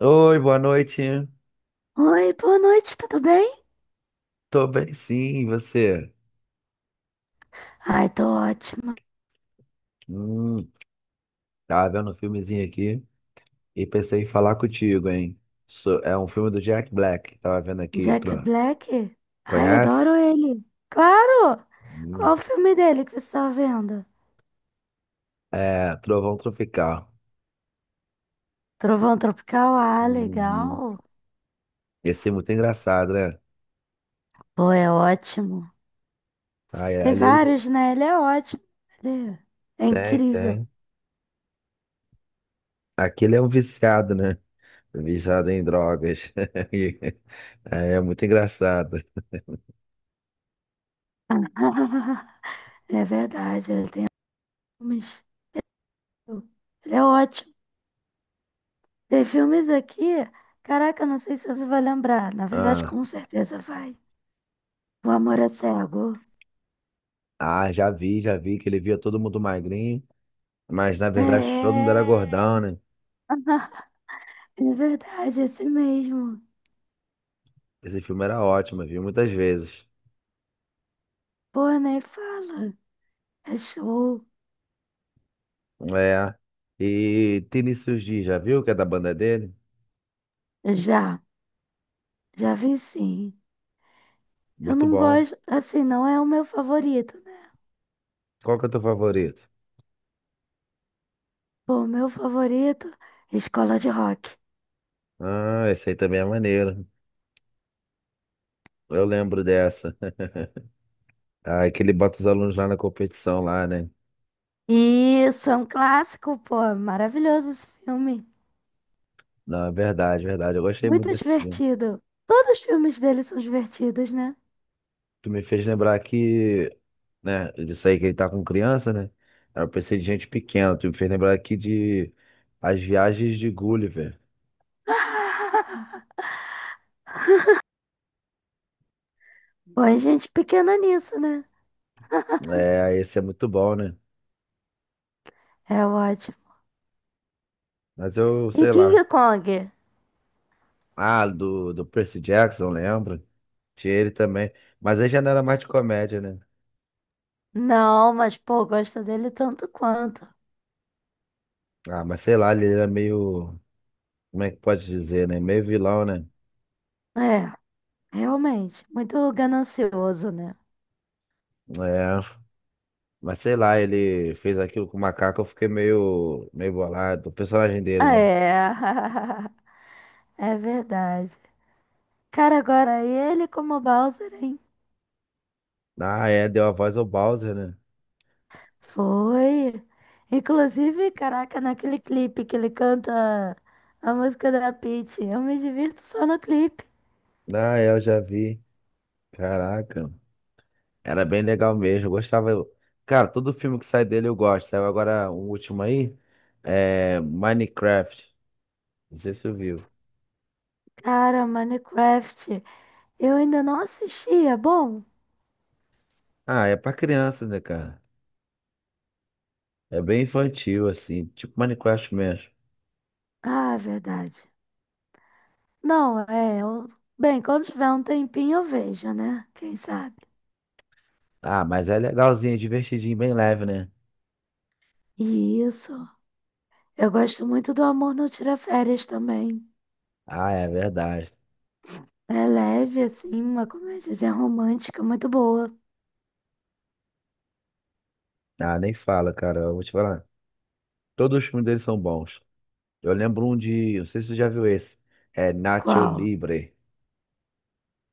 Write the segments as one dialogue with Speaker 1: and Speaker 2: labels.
Speaker 1: Oi, boa noite.
Speaker 2: Oi, boa noite, tudo bem?
Speaker 1: Tô bem, sim, e você?
Speaker 2: Ai, tô ótima.
Speaker 1: Hum, tava vendo um filmezinho aqui e pensei em falar contigo, hein? É um filme do Jack Black, tava vendo aqui,
Speaker 2: Jack
Speaker 1: Tron.
Speaker 2: Black? Ai,
Speaker 1: Conhece?
Speaker 2: adoro ele. Claro!
Speaker 1: Hum.
Speaker 2: Qual o filme dele que você tá vendo?
Speaker 1: É, Trovão Tropical.
Speaker 2: Trovão Tropical? Ah,
Speaker 1: Uhum.
Speaker 2: legal.
Speaker 1: Esse filme é muito engraçado, né?
Speaker 2: Pô, é ótimo.
Speaker 1: Ai,
Speaker 2: Tem
Speaker 1: ali ele
Speaker 2: vários, né? Ele é ótimo. Ele é
Speaker 1: tem,
Speaker 2: incrível.
Speaker 1: tem. Aqui ele é um viciado, né? Viciado em drogas. E- é, é muito engraçado.
Speaker 2: É verdade, ele tem filmes. Ele é ótimo. Tem filmes aqui. Caraca, não sei se você vai lembrar. Na verdade,
Speaker 1: Ah,
Speaker 2: com certeza vai. O Amor é Cego.
Speaker 1: ah, já vi que ele via todo mundo magrinho. Mas na verdade todo mundo era
Speaker 2: É,
Speaker 1: gordão, né?
Speaker 2: é verdade, esse mesmo.
Speaker 1: Esse filme era ótimo, eu vi muitas vezes.
Speaker 2: Pô, nem fala. É show.
Speaker 1: É. E Vinícius Dias, já viu que é da banda dele?
Speaker 2: Já, já vi sim. Eu
Speaker 1: Muito
Speaker 2: não
Speaker 1: bom.
Speaker 2: gosto, assim, não é o meu favorito, né?
Speaker 1: Qual que é o teu favorito?
Speaker 2: Pô, o meu favorito é Escola de Rock.
Speaker 1: Ah, esse aí também é maneiro. Eu lembro dessa. Ah, que ele bota os alunos lá na competição lá, né?
Speaker 2: Isso, é um clássico, pô. Maravilhoso esse filme.
Speaker 1: Não, é verdade, verdade. Eu gostei muito
Speaker 2: Muito
Speaker 1: desse filme.
Speaker 2: divertido. Todos os filmes dele são divertidos, né?
Speaker 1: Tu me fez lembrar que, né, disso aí que ele tá com criança, né? Aí eu pensei de gente pequena. Tu me fez lembrar aqui de As Viagens de Gulliver.
Speaker 2: Pô, a gente pequena nisso, né?
Speaker 1: É, esse é muito bom, né?
Speaker 2: É ótimo.
Speaker 1: Mas eu
Speaker 2: E
Speaker 1: sei
Speaker 2: King
Speaker 1: lá.
Speaker 2: Kong?
Speaker 1: Ah, do Percy Jackson, lembra? Tinha ele também. Mas ele já não era mais de comédia, né?
Speaker 2: Não, mas pô, gosto dele tanto quanto.
Speaker 1: Ah, mas sei lá, ele era meio. Como é que pode dizer, né? Meio vilão, né?
Speaker 2: É, realmente, muito ganancioso, né?
Speaker 1: É. Mas sei lá, ele fez aquilo com o macaco, eu fiquei meio, meio bolado. O personagem dele, né?
Speaker 2: É, é verdade. Cara, agora ele como Bowser, hein?
Speaker 1: Ah, é, deu a voz ao Bowser, né?
Speaker 2: Foi. Inclusive, caraca, naquele clipe que ele canta a música da Peach, eu me divirto só no clipe.
Speaker 1: Ah, é, eu já vi. Caraca. Era bem legal mesmo, eu gostava. Cara, todo filme que sai dele eu gosto. Saiu agora um último aí, é Minecraft. Não sei se eu viu.
Speaker 2: Cara, Minecraft, eu ainda não assisti, é bom?
Speaker 1: Ah, é pra criança, né, cara? É bem infantil, assim, tipo Minecraft mesmo.
Speaker 2: Ah, é verdade. Não, é. Eu... Bem, quando tiver um tempinho eu vejo, né? Quem sabe?
Speaker 1: Ah, mas é legalzinho, é divertidinho, bem leve, né?
Speaker 2: E isso. Eu gosto muito do Amor Não Tira Férias também.
Speaker 1: Ah, é verdade.
Speaker 2: É leve, assim, uma comédia romântica muito boa.
Speaker 1: Ah, nem fala, cara. Eu vou te falar. Todos os filmes deles são bons. Eu lembro um de. Não sei se você já viu esse. É Nacho
Speaker 2: Qual?
Speaker 1: Libre.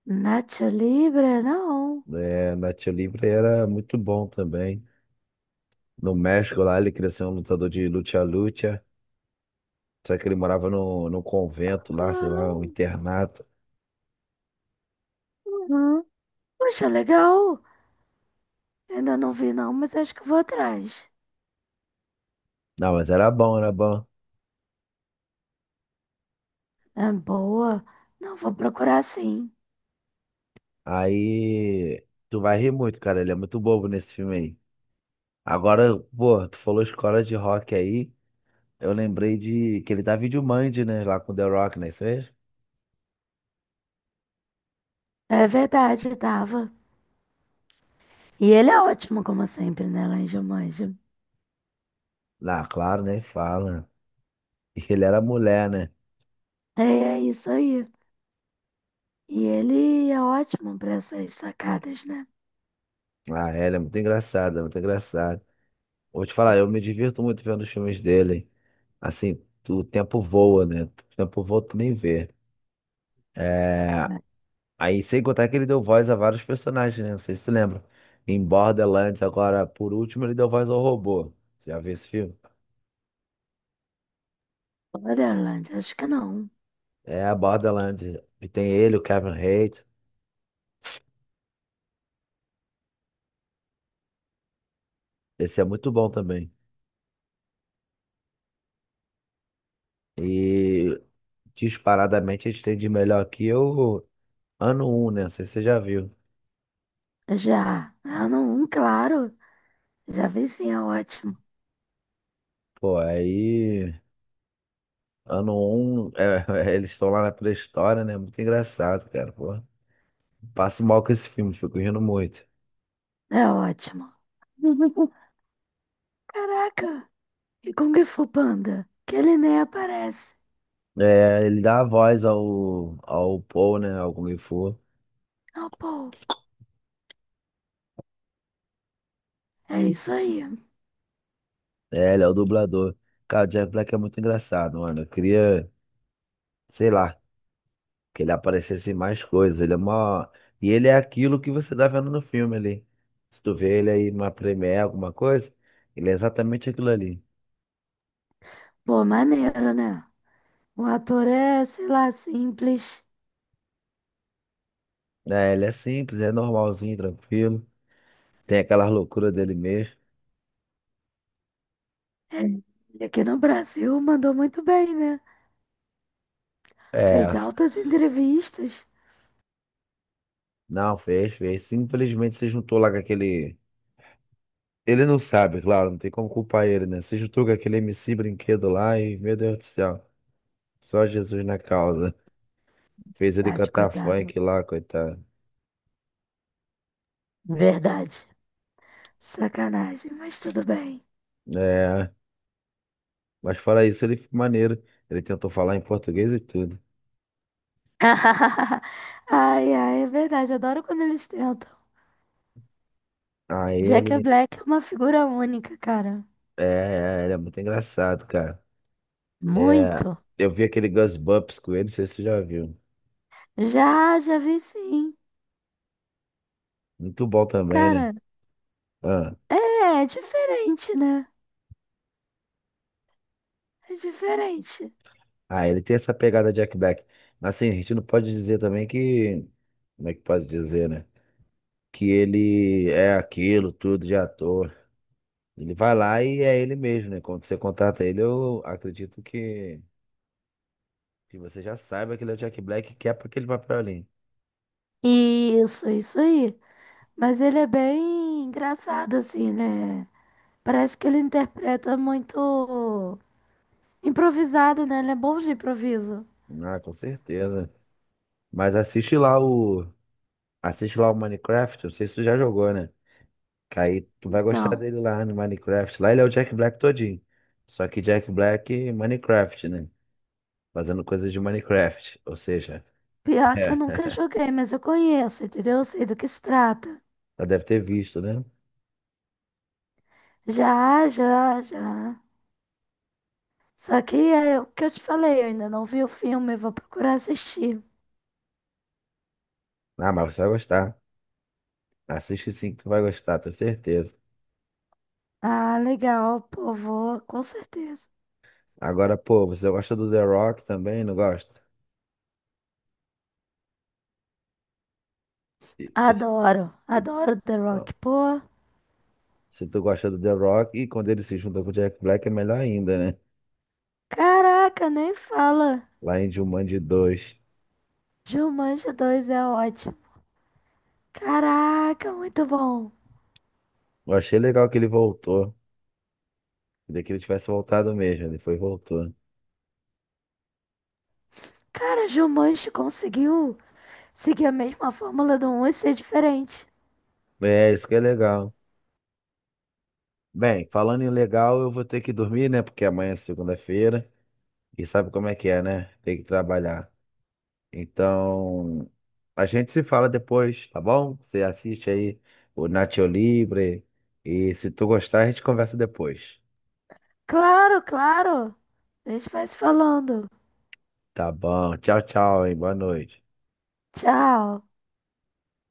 Speaker 2: Nacho Libre? Não.
Speaker 1: É, Nacho Libre era muito bom também. No México lá, ele queria ser um lutador de luta-luta. Só que ele morava no convento lá, sei lá, um
Speaker 2: Ah,
Speaker 1: internato.
Speaker 2: uhum. Poxa, legal. Ainda não vi, não, mas acho que vou atrás.
Speaker 1: Não, mas era bom, era bom.
Speaker 2: É boa. Não, vou procurar sim.
Speaker 1: Aí tu vai rir muito, cara. Ele é muito bobo nesse filme aí. Agora, pô, tu falou escola de rock aí. Eu lembrei de que ele tá Videomand, né? Lá com o The Rock, né? Isso mesmo?
Speaker 2: É verdade, tava. E ele é ótimo, como sempre, né, Lange Manja?
Speaker 1: Lá, claro, nem fala. E ele era mulher, né?
Speaker 2: É, é isso aí. E ele é ótimo para essas sacadas, né?
Speaker 1: Ah, é, ele é muito engraçado, é muito engraçado. Vou te falar, eu me divirto muito vendo os filmes dele. Assim, o tempo voa, né? O tempo voa, tu nem vê. É...
Speaker 2: Né?
Speaker 1: Aí, sem contar que ele deu voz a vários personagens, né? Não sei se tu lembra. Em Borderlands, agora, por último, ele deu voz ao robô. Você já viu esse filme?
Speaker 2: Borderland, acho que não.
Speaker 1: É, Borderlands. E tem ele, o Kevin Hart. Esse é muito bom também. E, disparadamente, a gente tem de melhor aqui o Ano um, né? Não sei se você já viu.
Speaker 2: Já. Ah, não, um, claro. Já vi sim, é ótimo.
Speaker 1: Pô, aí... Ano um é, eles estão lá na pré-história, né? Muito engraçado, cara, pô. Passo mal com esse filme, fico rindo muito.
Speaker 2: É ótimo. Caraca! E Kung Fu Panda? Que ele nem aparece.
Speaker 1: É, ele dá a voz ao, ao Paul, né? Ao Kung Fu.
Speaker 2: Ah, pô. É isso aí.
Speaker 1: É, ele é o dublador. Cara, o Jack Black é muito engraçado, mano. Eu queria, sei lá, que ele aparecesse em mais coisas. Ele é mó. E ele é aquilo que você tá vendo no filme ali. Se tu vê ele aí numa premiere, alguma coisa, ele é exatamente aquilo ali.
Speaker 2: Pô, maneiro, né? O ator é, sei lá, simples.
Speaker 1: É, ele é simples, é normalzinho, tranquilo. Tem aquela loucura dele mesmo.
Speaker 2: É. E aqui no Brasil mandou muito bem, né? Fez
Speaker 1: É,
Speaker 2: altas entrevistas.
Speaker 1: não, fez, fez. Simplesmente se juntou lá com aquele. Ele não sabe, claro, não tem como culpar ele, né? Se juntou com aquele MC brinquedo lá e, meu Deus do céu, só Jesus na causa. Fez ele
Speaker 2: Verdade,
Speaker 1: cantar
Speaker 2: coitado.
Speaker 1: funk lá, coitado.
Speaker 2: Verdade. Sacanagem, mas tudo bem.
Speaker 1: É, mas fora isso, ele foi maneiro. Ele tentou falar em português e tudo.
Speaker 2: Ai, ai, é verdade. Adoro quando eles tentam.
Speaker 1: Aí
Speaker 2: Jack
Speaker 1: ele,
Speaker 2: Black é uma figura única, cara.
Speaker 1: ele é muito engraçado, cara. É,
Speaker 2: Muito.
Speaker 1: eu vi aquele Gus Bumps com ele, não sei se você já viu.
Speaker 2: Já, já vi sim.
Speaker 1: Muito bom também, né?
Speaker 2: Cara,
Speaker 1: Ah,
Speaker 2: é, é diferente, né? É diferente.
Speaker 1: ele tem essa pegada Jack Black. Mas assim, a gente não pode dizer também que, como é que pode dizer, né? Que ele é aquilo tudo de ator. Ele vai lá e é ele mesmo, né? Quando você contrata ele, eu acredito que, você já saiba que ele é o Jack Black, que é para aquele papel ali.
Speaker 2: Isso aí. Mas ele é bem engraçado, assim, né? Parece que ele interpreta muito improvisado, né? Ele é bom de improviso.
Speaker 1: Ah, com certeza. Mas assiste lá o. Assiste lá o Minecraft, eu sei se tu já jogou, né? Que aí tu vai gostar
Speaker 2: Não.
Speaker 1: dele lá no Minecraft. Lá ele é o Jack Black todinho. Só que Jack Black Minecraft, né? Fazendo coisas de Minecraft. Ou seja,
Speaker 2: Pior que eu nunca
Speaker 1: é.
Speaker 2: joguei, mas eu conheço, entendeu? Eu sei do que se trata.
Speaker 1: Já deve ter visto, né?
Speaker 2: Já, já, já. Só que é o que eu te falei, eu ainda não vi o filme, vou procurar assistir.
Speaker 1: Ah, mas você vai gostar. Assiste sim que tu vai gostar, tenho certeza.
Speaker 2: Ah, legal, pô, vou, com certeza.
Speaker 1: Agora, pô, você gosta do The Rock também, não gosta? E-
Speaker 2: Adoro, adoro The
Speaker 1: então,
Speaker 2: Rock, pô.
Speaker 1: se tu gosta do The Rock, e quando ele se junta com o Jack Black é melhor ainda, né?
Speaker 2: Caraca, nem fala.
Speaker 1: Lá em Jumanji 2.
Speaker 2: Jumanji dois é ótimo. Caraca, muito bom.
Speaker 1: Eu achei legal que ele voltou. Queria que ele tivesse voltado mesmo, ele foi e voltou.
Speaker 2: Cara, Jumanji conseguiu seguir a mesma fórmula do um e ser diferente.
Speaker 1: É, isso que é legal. Bem, falando em legal, eu vou ter que dormir, né? Porque amanhã é segunda-feira. E sabe como é que é, né? Tem que trabalhar. Então, a gente se fala depois, tá bom? Você assiste aí o Nacho Libre e se tu gostar, a gente conversa depois.
Speaker 2: Claro, claro. A gente vai se falando.
Speaker 1: Tá bom. Tchau, tchau, hein? Boa noite.
Speaker 2: Tchau.